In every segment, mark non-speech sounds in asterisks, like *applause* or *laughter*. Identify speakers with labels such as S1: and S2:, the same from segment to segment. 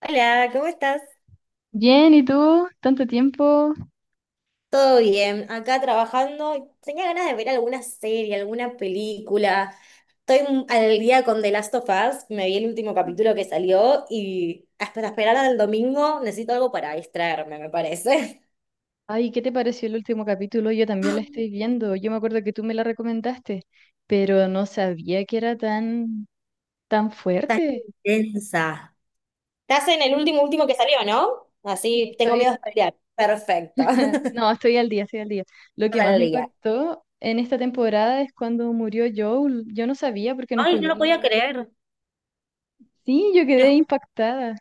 S1: Hola, ¿cómo estás?
S2: Bien, ¿y tú? ¿Tanto tiempo?
S1: Todo bien, acá trabajando. Tenía ganas de ver alguna serie, alguna película. Estoy al día con The Last of Us, me vi el último capítulo que salió y hasta esperar al domingo necesito algo para distraerme, me parece.
S2: Ay, ¿qué te pareció el último capítulo? Yo también la estoy viendo. Yo me acuerdo que tú me la recomendaste, pero no sabía que era tan, tan
S1: *laughs* Tan
S2: fuerte.
S1: intensa. Estás en el último
S2: Sí,
S1: último que salió, ¿no?
S2: sí,
S1: Así tengo miedo
S2: estoy,
S1: de spoilear. Perfecto.
S2: *laughs*
S1: *laughs*
S2: no, estoy al día, estoy al día. Lo que
S1: Estás
S2: más
S1: al
S2: me
S1: día.
S2: impactó en esta temporada es cuando murió Joel. Yo no sabía porque no
S1: Ay, no
S2: jugué.
S1: lo podía creer.
S2: Sí, yo
S1: Te
S2: quedé
S1: ju-
S2: impactada.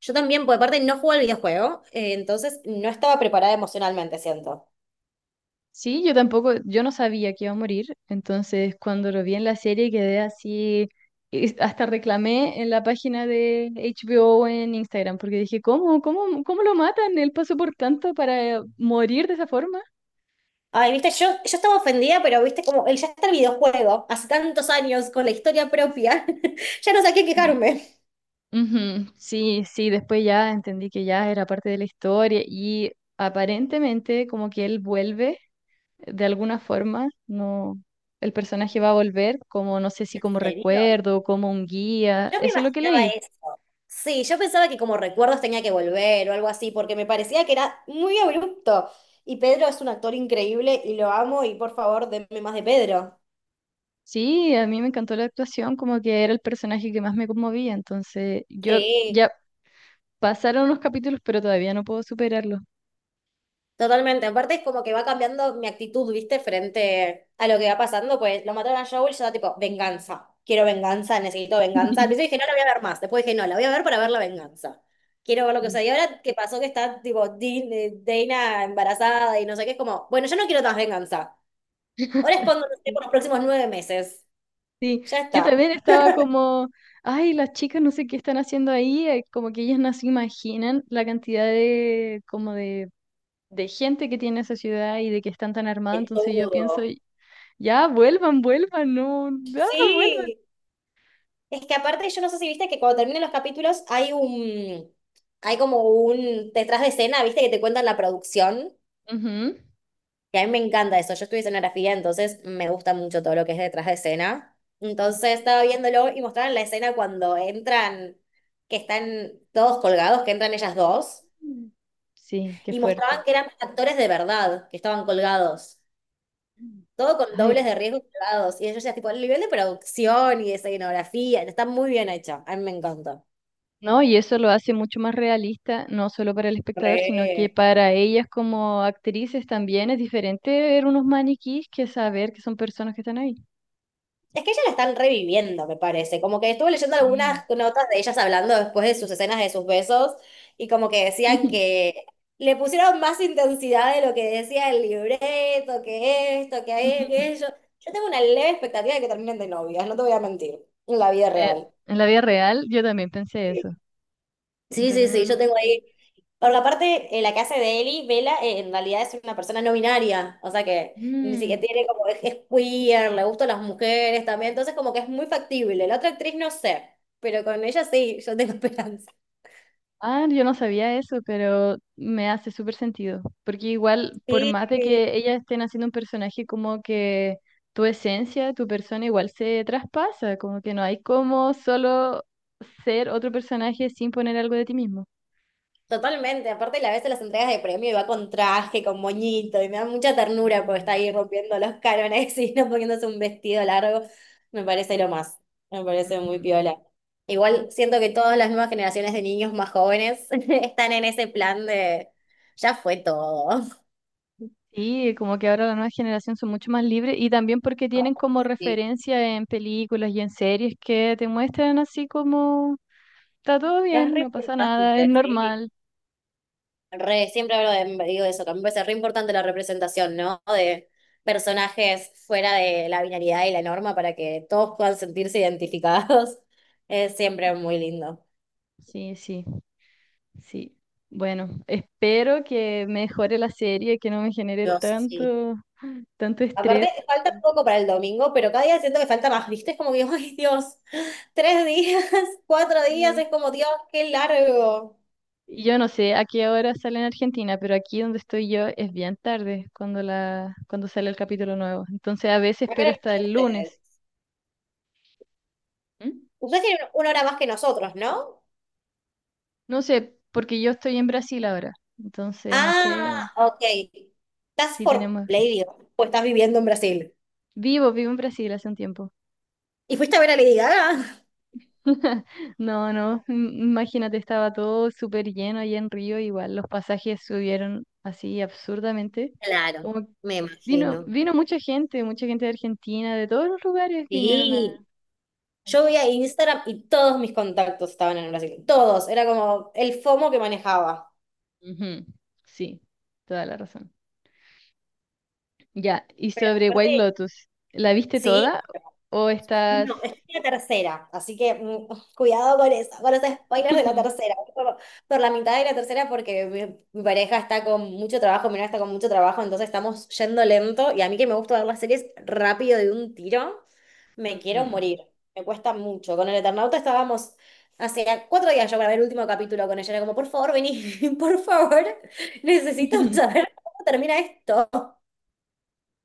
S1: Yo también, por aparte no jugué al videojuego, entonces no estaba preparada emocionalmente, siento.
S2: Sí, yo tampoco, yo no sabía que iba a morir, entonces cuando lo vi en la serie quedé así, y hasta reclamé en la página de HBO en Instagram, porque dije, ¿cómo, cómo, cómo lo matan? Él pasó por tanto para morir de esa forma.
S1: Ay, viste, yo estaba ofendida, pero viste, como el ya está el videojuego, hace tantos años, con la historia propia, *laughs* ya no sabía qué
S2: Mm,
S1: quejarme. ¿En
S2: ujú. Sí, sí, después ya entendí que ya era parte de la historia y aparentemente como que él vuelve de alguna forma, no, el personaje va a volver como, no sé si como
S1: serio?
S2: recuerdo, como un guía,
S1: Yo me
S2: eso es lo que
S1: imaginaba
S2: leí.
S1: eso. Sí, yo pensaba que como recuerdos tenía que volver o algo así, porque me parecía que era muy abrupto. Y Pedro es un actor increíble y lo amo y por favor, denme más de Pedro.
S2: Sí, a mí me encantó la actuación, como que era el personaje que más me conmovía, entonces yo
S1: Sí.
S2: ya pasaron unos capítulos, pero todavía no puedo superarlo.
S1: Totalmente, aparte es como que va cambiando mi actitud, ¿viste? Frente a lo que va pasando, pues lo mataron a Joel, yo estaba tipo, venganza, quiero venganza, necesito venganza. Al principio dije, no
S2: *laughs*
S1: la voy a ver más, después dije, no, la voy a ver para ver la venganza. Quiero ver lo que
S2: Sí.
S1: sucede. Y ahora que pasó que está tipo Dana embarazada y no sé qué, es como, bueno, yo no quiero más venganza. Ahora es
S2: *laughs*
S1: cuando nos
S2: Sí,
S1: por los próximos nueve meses.
S2: sí,
S1: Ya
S2: yo
S1: está.
S2: también estaba como, ay, las chicas no sé qué están haciendo ahí, como que ellas no se imaginan la cantidad de, de gente que tiene esa ciudad y de que están tan
S1: De
S2: armados, entonces yo pienso,
S1: todo.
S2: ya, vuelvan, vuelvan, no, ya, vuelvan.
S1: Sí. Es que aparte, yo no sé si viste que cuando terminan los capítulos hay hay como un detrás de escena, viste, que te cuentan la producción,
S2: Ujú.
S1: que a mí me encanta eso. Yo estudié escenografía, entonces me gusta mucho todo lo que es detrás de escena. Entonces estaba viéndolo y mostraron la escena cuando entran, que están todos colgados, que entran ellas dos,
S2: Mm. Sí, qué
S1: y mostraban
S2: fuerte.
S1: que eran actores de verdad, que estaban colgados. Todo con dobles de
S2: Ay,
S1: riesgo y colgados. Y yo ya, tipo, el nivel de producción y de escenografía, está muy bien hecho. A mí me encanta.
S2: no, y eso lo hace mucho más realista, no solo para el espectador, sino que
S1: Re.
S2: para ellas como actrices también es diferente ver unos maniquís que saber que son personas que están ahí.
S1: Es que ellas la están reviviendo, me parece. Como que estuve leyendo algunas
S2: Sí.
S1: notas de ellas hablando después de sus escenas de sus besos y como que decían que le pusieron más intensidad de lo que decía el libreto, que esto, que
S2: *laughs*
S1: aquello. Yo tengo una leve expectativa de que terminen de novias, no te voy a mentir, en la vida
S2: Eh,
S1: real.
S2: en la vida real yo también pensé eso,
S1: Sí, sí,
S2: pero uno
S1: sí, yo
S2: nunca
S1: tengo
S2: sabe.
S1: ahí. Por la parte la que hace de Eli, Vela, en realidad es una persona no binaria, o sea que ni siquiera
S2: Mm.
S1: tiene como, es queer, le gustan las mujeres también, entonces como que es muy factible. La otra actriz no sé, pero con ella sí, yo tengo *laughs* esperanza.
S2: Ah, yo no sabía eso, pero me hace súper sentido, porque igual, por más de
S1: Sí.
S2: que ellas estén haciendo un personaje como que tu esencia, tu persona igual se traspasa, como que no hay como solo ser otro personaje sin poner algo de ti mismo.
S1: Totalmente, aparte la vez en las entregas de premio y va con traje, con moñito, y me da mucha ternura porque está
S2: Ujú,
S1: ahí rompiendo los cánones *laughs* y no poniéndose un vestido largo. Me parece lo más, me parece muy
S2: ujú.
S1: piola. Igual siento que todas las nuevas generaciones de niños más jóvenes *laughs* están en ese plan de ya fue todo.
S2: Sí, como que ahora la nueva generación son mucho más libres y también porque tienen como
S1: Sí.
S2: referencia en películas y en series que te muestran así como está todo
S1: Es
S2: bien, no
S1: re
S2: pasa nada, es
S1: importante, sí.
S2: normal.
S1: Re, siempre hablo de, digo eso, que a mí me parece re importante la representación, ¿no? De personajes fuera de la binaridad y la norma para que todos puedan sentirse identificados. *laughs* Es siempre muy lindo.
S2: Sí, sí. Sí. Bueno, espero que mejore la serie, que no me genere
S1: Dios, sí.
S2: tanto, tanto
S1: Aparte,
S2: estrés.
S1: falta un poco para el domingo, pero cada día siento que falta más, ¿viste? Es como que, *laughs* ay, Dios, tres días, *laughs* cuatro días,
S2: Sí.
S1: es como, Dios, qué largo.
S2: Y yo no sé a qué hora sale en Argentina, pero aquí donde estoy yo es bien tarde cuando la, cuando sale el capítulo nuevo. Entonces a veces
S1: Acá en
S2: espero
S1: el
S2: hasta el lunes.
S1: ustedes.
S2: ¿Mm?
S1: Ustedes tienen una hora más que nosotros, ¿no?
S2: No sé, porque yo estoy en Brasil ahora. Entonces no sé
S1: Ah, ok. ¿Estás
S2: si
S1: por
S2: tenemos.
S1: Play, o estás viviendo en Brasil?
S2: Vivo en Brasil hace un tiempo.
S1: ¿Y fuiste a ver a Lady Gaga?
S2: *laughs* No, no, imagínate, estaba todo súper lleno allá en Río, igual los pasajes subieron así absurdamente.
S1: Claro,
S2: Como
S1: me
S2: vino,
S1: imagino.
S2: vino mucha gente de Argentina, de todos los lugares vinieron
S1: Sí,
S2: al
S1: yo
S2: show.
S1: veía Instagram y todos mis contactos estaban en Brasil. Todos. Era como el FOMO que manejaba.
S2: Ujú. Sí, toda la razón. Ya, y
S1: Pero
S2: sobre White
S1: aparte,
S2: Lotus, ¿la viste
S1: sí,
S2: toda o estás...
S1: no, estoy en la tercera, así que cuidado con eso, con los spoilers de la
S2: *laughs*
S1: tercera. Por la mitad de la tercera, porque mi pareja está con mucho trabajo, mi novia está con mucho trabajo, entonces estamos yendo lento. Y a mí que me gusta ver las series rápido de un tiro, me quiero
S2: Ujú.
S1: morir. Me cuesta mucho. Con el Eternauta estábamos hace cuatro días yo grabé el último capítulo con ella. Era como, por favor, vení, *laughs* por favor, necesito
S2: *laughs*
S1: saber cómo termina esto.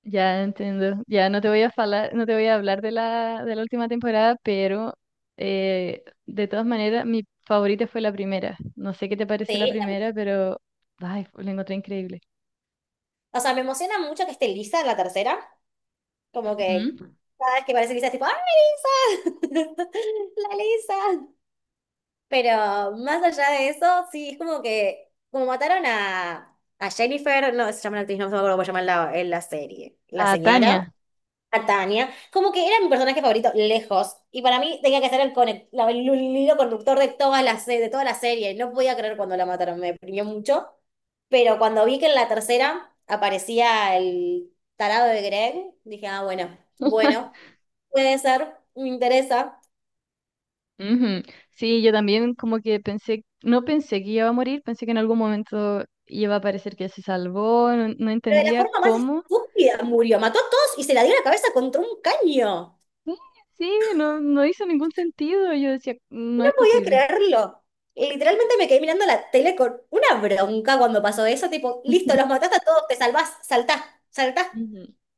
S2: Ya entiendo. Ya no te voy a falar- No te voy a hablar de la última temporada, pero de todas maneras, mi favorita fue la primera. No sé qué te pareció la
S1: Sí, la-
S2: primera, pero ay, la encontré increíble.
S1: o sea, me emociona mucho que esté Lisa en la tercera. Como que
S2: Ujú.
S1: cada vez que parece Lisa es tipo, ¡ay, Lisa! *laughs* ¡La Lisa! Pero más allá de eso, sí, es como que, como mataron a Jennifer, no se llama la actriz, no me acuerdo cómo se llama en en la serie, la
S2: A
S1: señora
S2: Tania.
S1: a Tania, como que era mi personaje favorito lejos, y para mí tenía que ser el hilo conductor de toda de toda la serie, no podía creer cuando la mataron, me deprimió mucho, pero cuando vi que en la tercera aparecía el tarado de Greg, dije, ah, bueno, bueno,
S2: *laughs*
S1: puede ser, me interesa,
S2: Ujú. Sí, yo también como que pensé, no pensé que iba a morir, pensé que en algún momento iba a parecer que se salvó, no, no
S1: pero de la
S2: entendía
S1: forma más
S2: cómo.
S1: estúpida murió, mató a todos y se la dio en la cabeza contra un caño.
S2: Sí, sí, no, no hizo ningún sentido. Yo decía, no
S1: No
S2: es
S1: podía
S2: posible.
S1: creerlo. Literalmente me quedé mirando la tele con una bronca cuando pasó eso, tipo,
S2: *laughs*
S1: listo,
S2: Ujú.
S1: los mataste a todos, te salvás, saltá, saltá.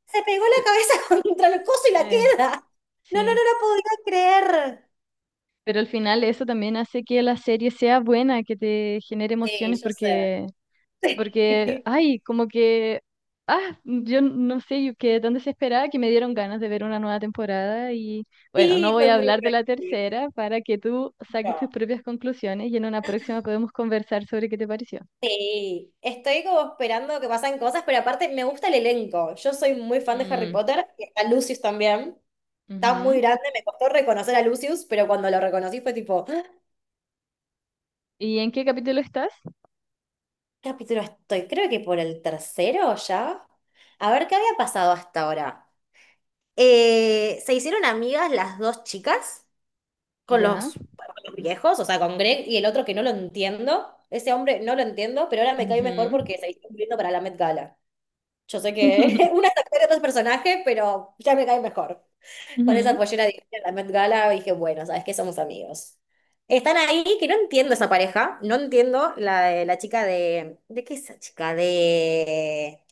S1: Se pegó la cabeza *laughs* contra el coso y la
S2: Eh,
S1: queda. No, no, no
S2: sí,
S1: la podía creer.
S2: pero al final eso también hace que la serie sea buena, que te genere
S1: Sí,
S2: emociones
S1: yo sé.
S2: porque, porque,
S1: *laughs*
S2: ay, como que, ah, yo no sé, yo quedé tan desesperada que me dieron ganas de ver una nueva temporada y bueno, no
S1: Sí,
S2: voy
S1: fue
S2: a
S1: muy
S2: hablar de la
S1: impredecible.
S2: tercera para que tú saques
S1: No.
S2: tus propias conclusiones y en una próxima podemos conversar sobre qué te pareció.
S1: Sí, estoy como esperando que pasen cosas, pero aparte me gusta el elenco. Yo soy muy fan de Harry
S2: Mm,
S1: Potter y está Lucius también. Está muy
S2: ujú.
S1: grande, me costó reconocer a Lucius, pero cuando lo reconocí fue tipo, ¡ah!
S2: ¿Y en qué capítulo estás?
S1: ¿Capítulo estoy? Creo que por el tercero ya. A ver, ¿qué había pasado hasta ahora? Se hicieron amigas las dos chicas con
S2: Ya.
S1: con los viejos, o sea, con Greg y el otro que no lo entiendo. Ese hombre no lo entiendo, pero ahora me cae mejor
S2: Ujú.
S1: porque se hizo viendo para la Met Gala. Yo sé
S2: *laughs*
S1: que *laughs* una es actor y otro es personaje, pero ya me cae mejor. Con esa
S2: Ujú.
S1: pollera divina en la Met Gala dije, bueno, ¿sabes qué? Somos amigos. Están ahí, que no entiendo esa pareja, no entiendo la de la chica de... ¿De qué es esa chica? De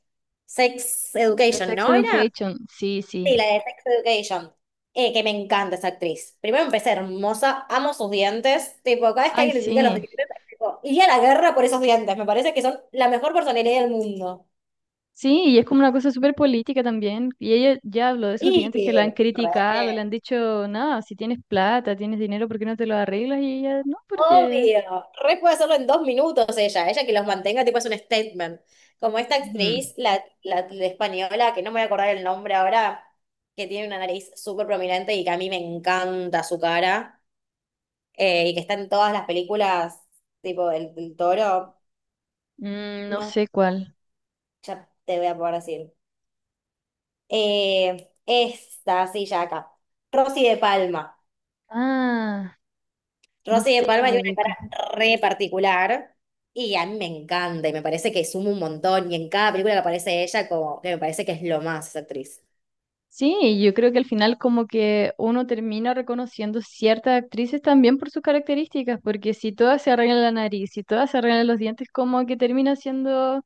S1: Sex
S2: The
S1: Education,
S2: Sex
S1: ¿no era?
S2: Education, sí, sí.
S1: Sí, la de Sex Education. Que me encanta esa actriz. Primero empecé hermosa, amo sus dientes. Tipo, cada vez que
S2: Ay,
S1: alguien le critica los
S2: sí.
S1: dientes, tipo, iría a la guerra por esos dientes. Me parece que son la mejor personalidad del mundo.
S2: Sí, y es como una cosa súper política también. Y ella ya habló de sus dientes que la han
S1: Y...
S2: criticado, le
S1: Re.
S2: han dicho, no, si tienes plata, tienes dinero, ¿por qué no te lo arreglas? Y ella, no, porque...
S1: Obvio, re puede hacerlo en dos minutos ella, ella que los mantenga tipo es un statement. Como esta
S2: Ujú.
S1: actriz, la española, que no me voy a acordar el nombre ahora, que tiene una nariz súper prominente y que a mí me encanta su cara, y que está en todas las películas, tipo el Toro,
S2: Mm, no
S1: no,
S2: sé cuál.
S1: ya te voy a poder decir. Esta, sí, ya acá. Rosy de Palma.
S2: Ah, no
S1: Rosy de
S2: sé si
S1: Palma
S2: lo
S1: tiene una
S2: ubico.
S1: cara re particular y a mí me encanta y me parece que suma un montón y en cada película que aparece ella como que me parece que es lo más esa actriz.
S2: Sí, yo creo que al final como que uno termina reconociendo ciertas actrices también por sus características, porque si todas se arreglan la nariz, si todas se arreglan los dientes, como que termina siendo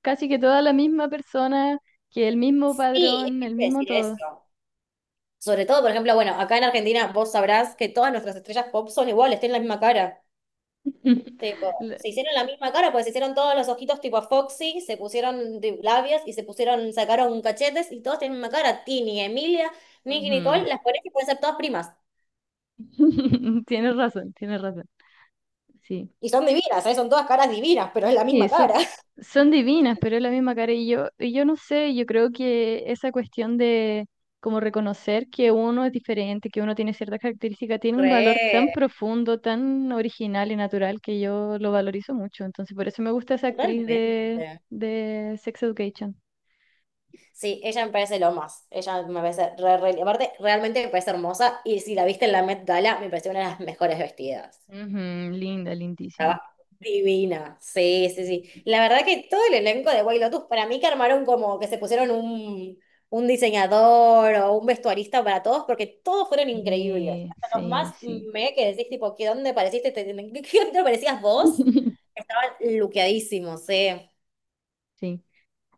S2: casi que toda la misma persona, que el mismo
S1: Sí, es
S2: padrón,
S1: que
S2: el
S1: quiero
S2: mismo
S1: decir
S2: todo.
S1: eso. Sobre todo, por ejemplo, bueno, acá en Argentina vos sabrás que todas nuestras estrellas pop son iguales, tienen la misma cara. Tipo,
S2: *laughs* La-
S1: se hicieron la misma cara, pues se hicieron todos los ojitos tipo Foxy, se pusieron labios y se pusieron, sacaron cachetes y todos tienen la misma cara. Tini, Emilia, Nicky, Nicole,
S2: Ujú.
S1: las pones y pueden ser todas primas.
S2: *laughs* Tienes razón, tienes razón. Sí.
S1: Y son divinas, ¿eh? Son todas caras divinas, pero es la misma
S2: Y
S1: cara.
S2: son, son divinas, pero es la misma cara. Y yo no sé, yo creo que esa cuestión de como reconocer que uno es diferente, que uno tiene ciertas características, tiene un valor
S1: Re,
S2: tan profundo, tan original y natural que yo lo valorizo mucho. Entonces, por eso me gusta esa actriz
S1: totalmente.
S2: de Sex Education.
S1: Sí, ella me parece lo más. Ella me parece Aparte, realmente me parece hermosa. Y si la viste en la Met Gala, me pareció una de las mejores vestidas.
S2: Ujú, linda, lindísima.
S1: Estaba divina. Sí, sí, sí. La verdad que todo el elenco de White Lotus, para mí que armaron como que se pusieron un diseñador o un vestuarista para todos, porque todos fueron increíbles.
S2: Sí,
S1: Hasta los
S2: sí,
S1: más
S2: sí.
S1: me que decís, tipo, ¿qué dónde pareciste? ¿ qué dónde parecías vos?
S2: *laughs*
S1: Estaban luqueadísimos, sí.
S2: Sí.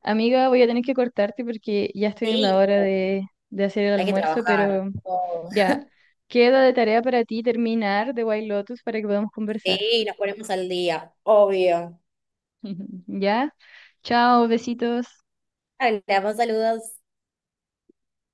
S2: Amiga, voy a tener que cortarte porque ya estoy en la
S1: Sí.
S2: hora de hacer el
S1: Hay que
S2: almuerzo,
S1: trabajar.
S2: pero
S1: Oh,
S2: ya, queda de tarea para ti terminar de White Lotus para que podamos conversar.
S1: sí, nos ponemos al día, obvio.
S2: *laughs* ¿Ya? Chao, besitos.
S1: Hola, más saludos.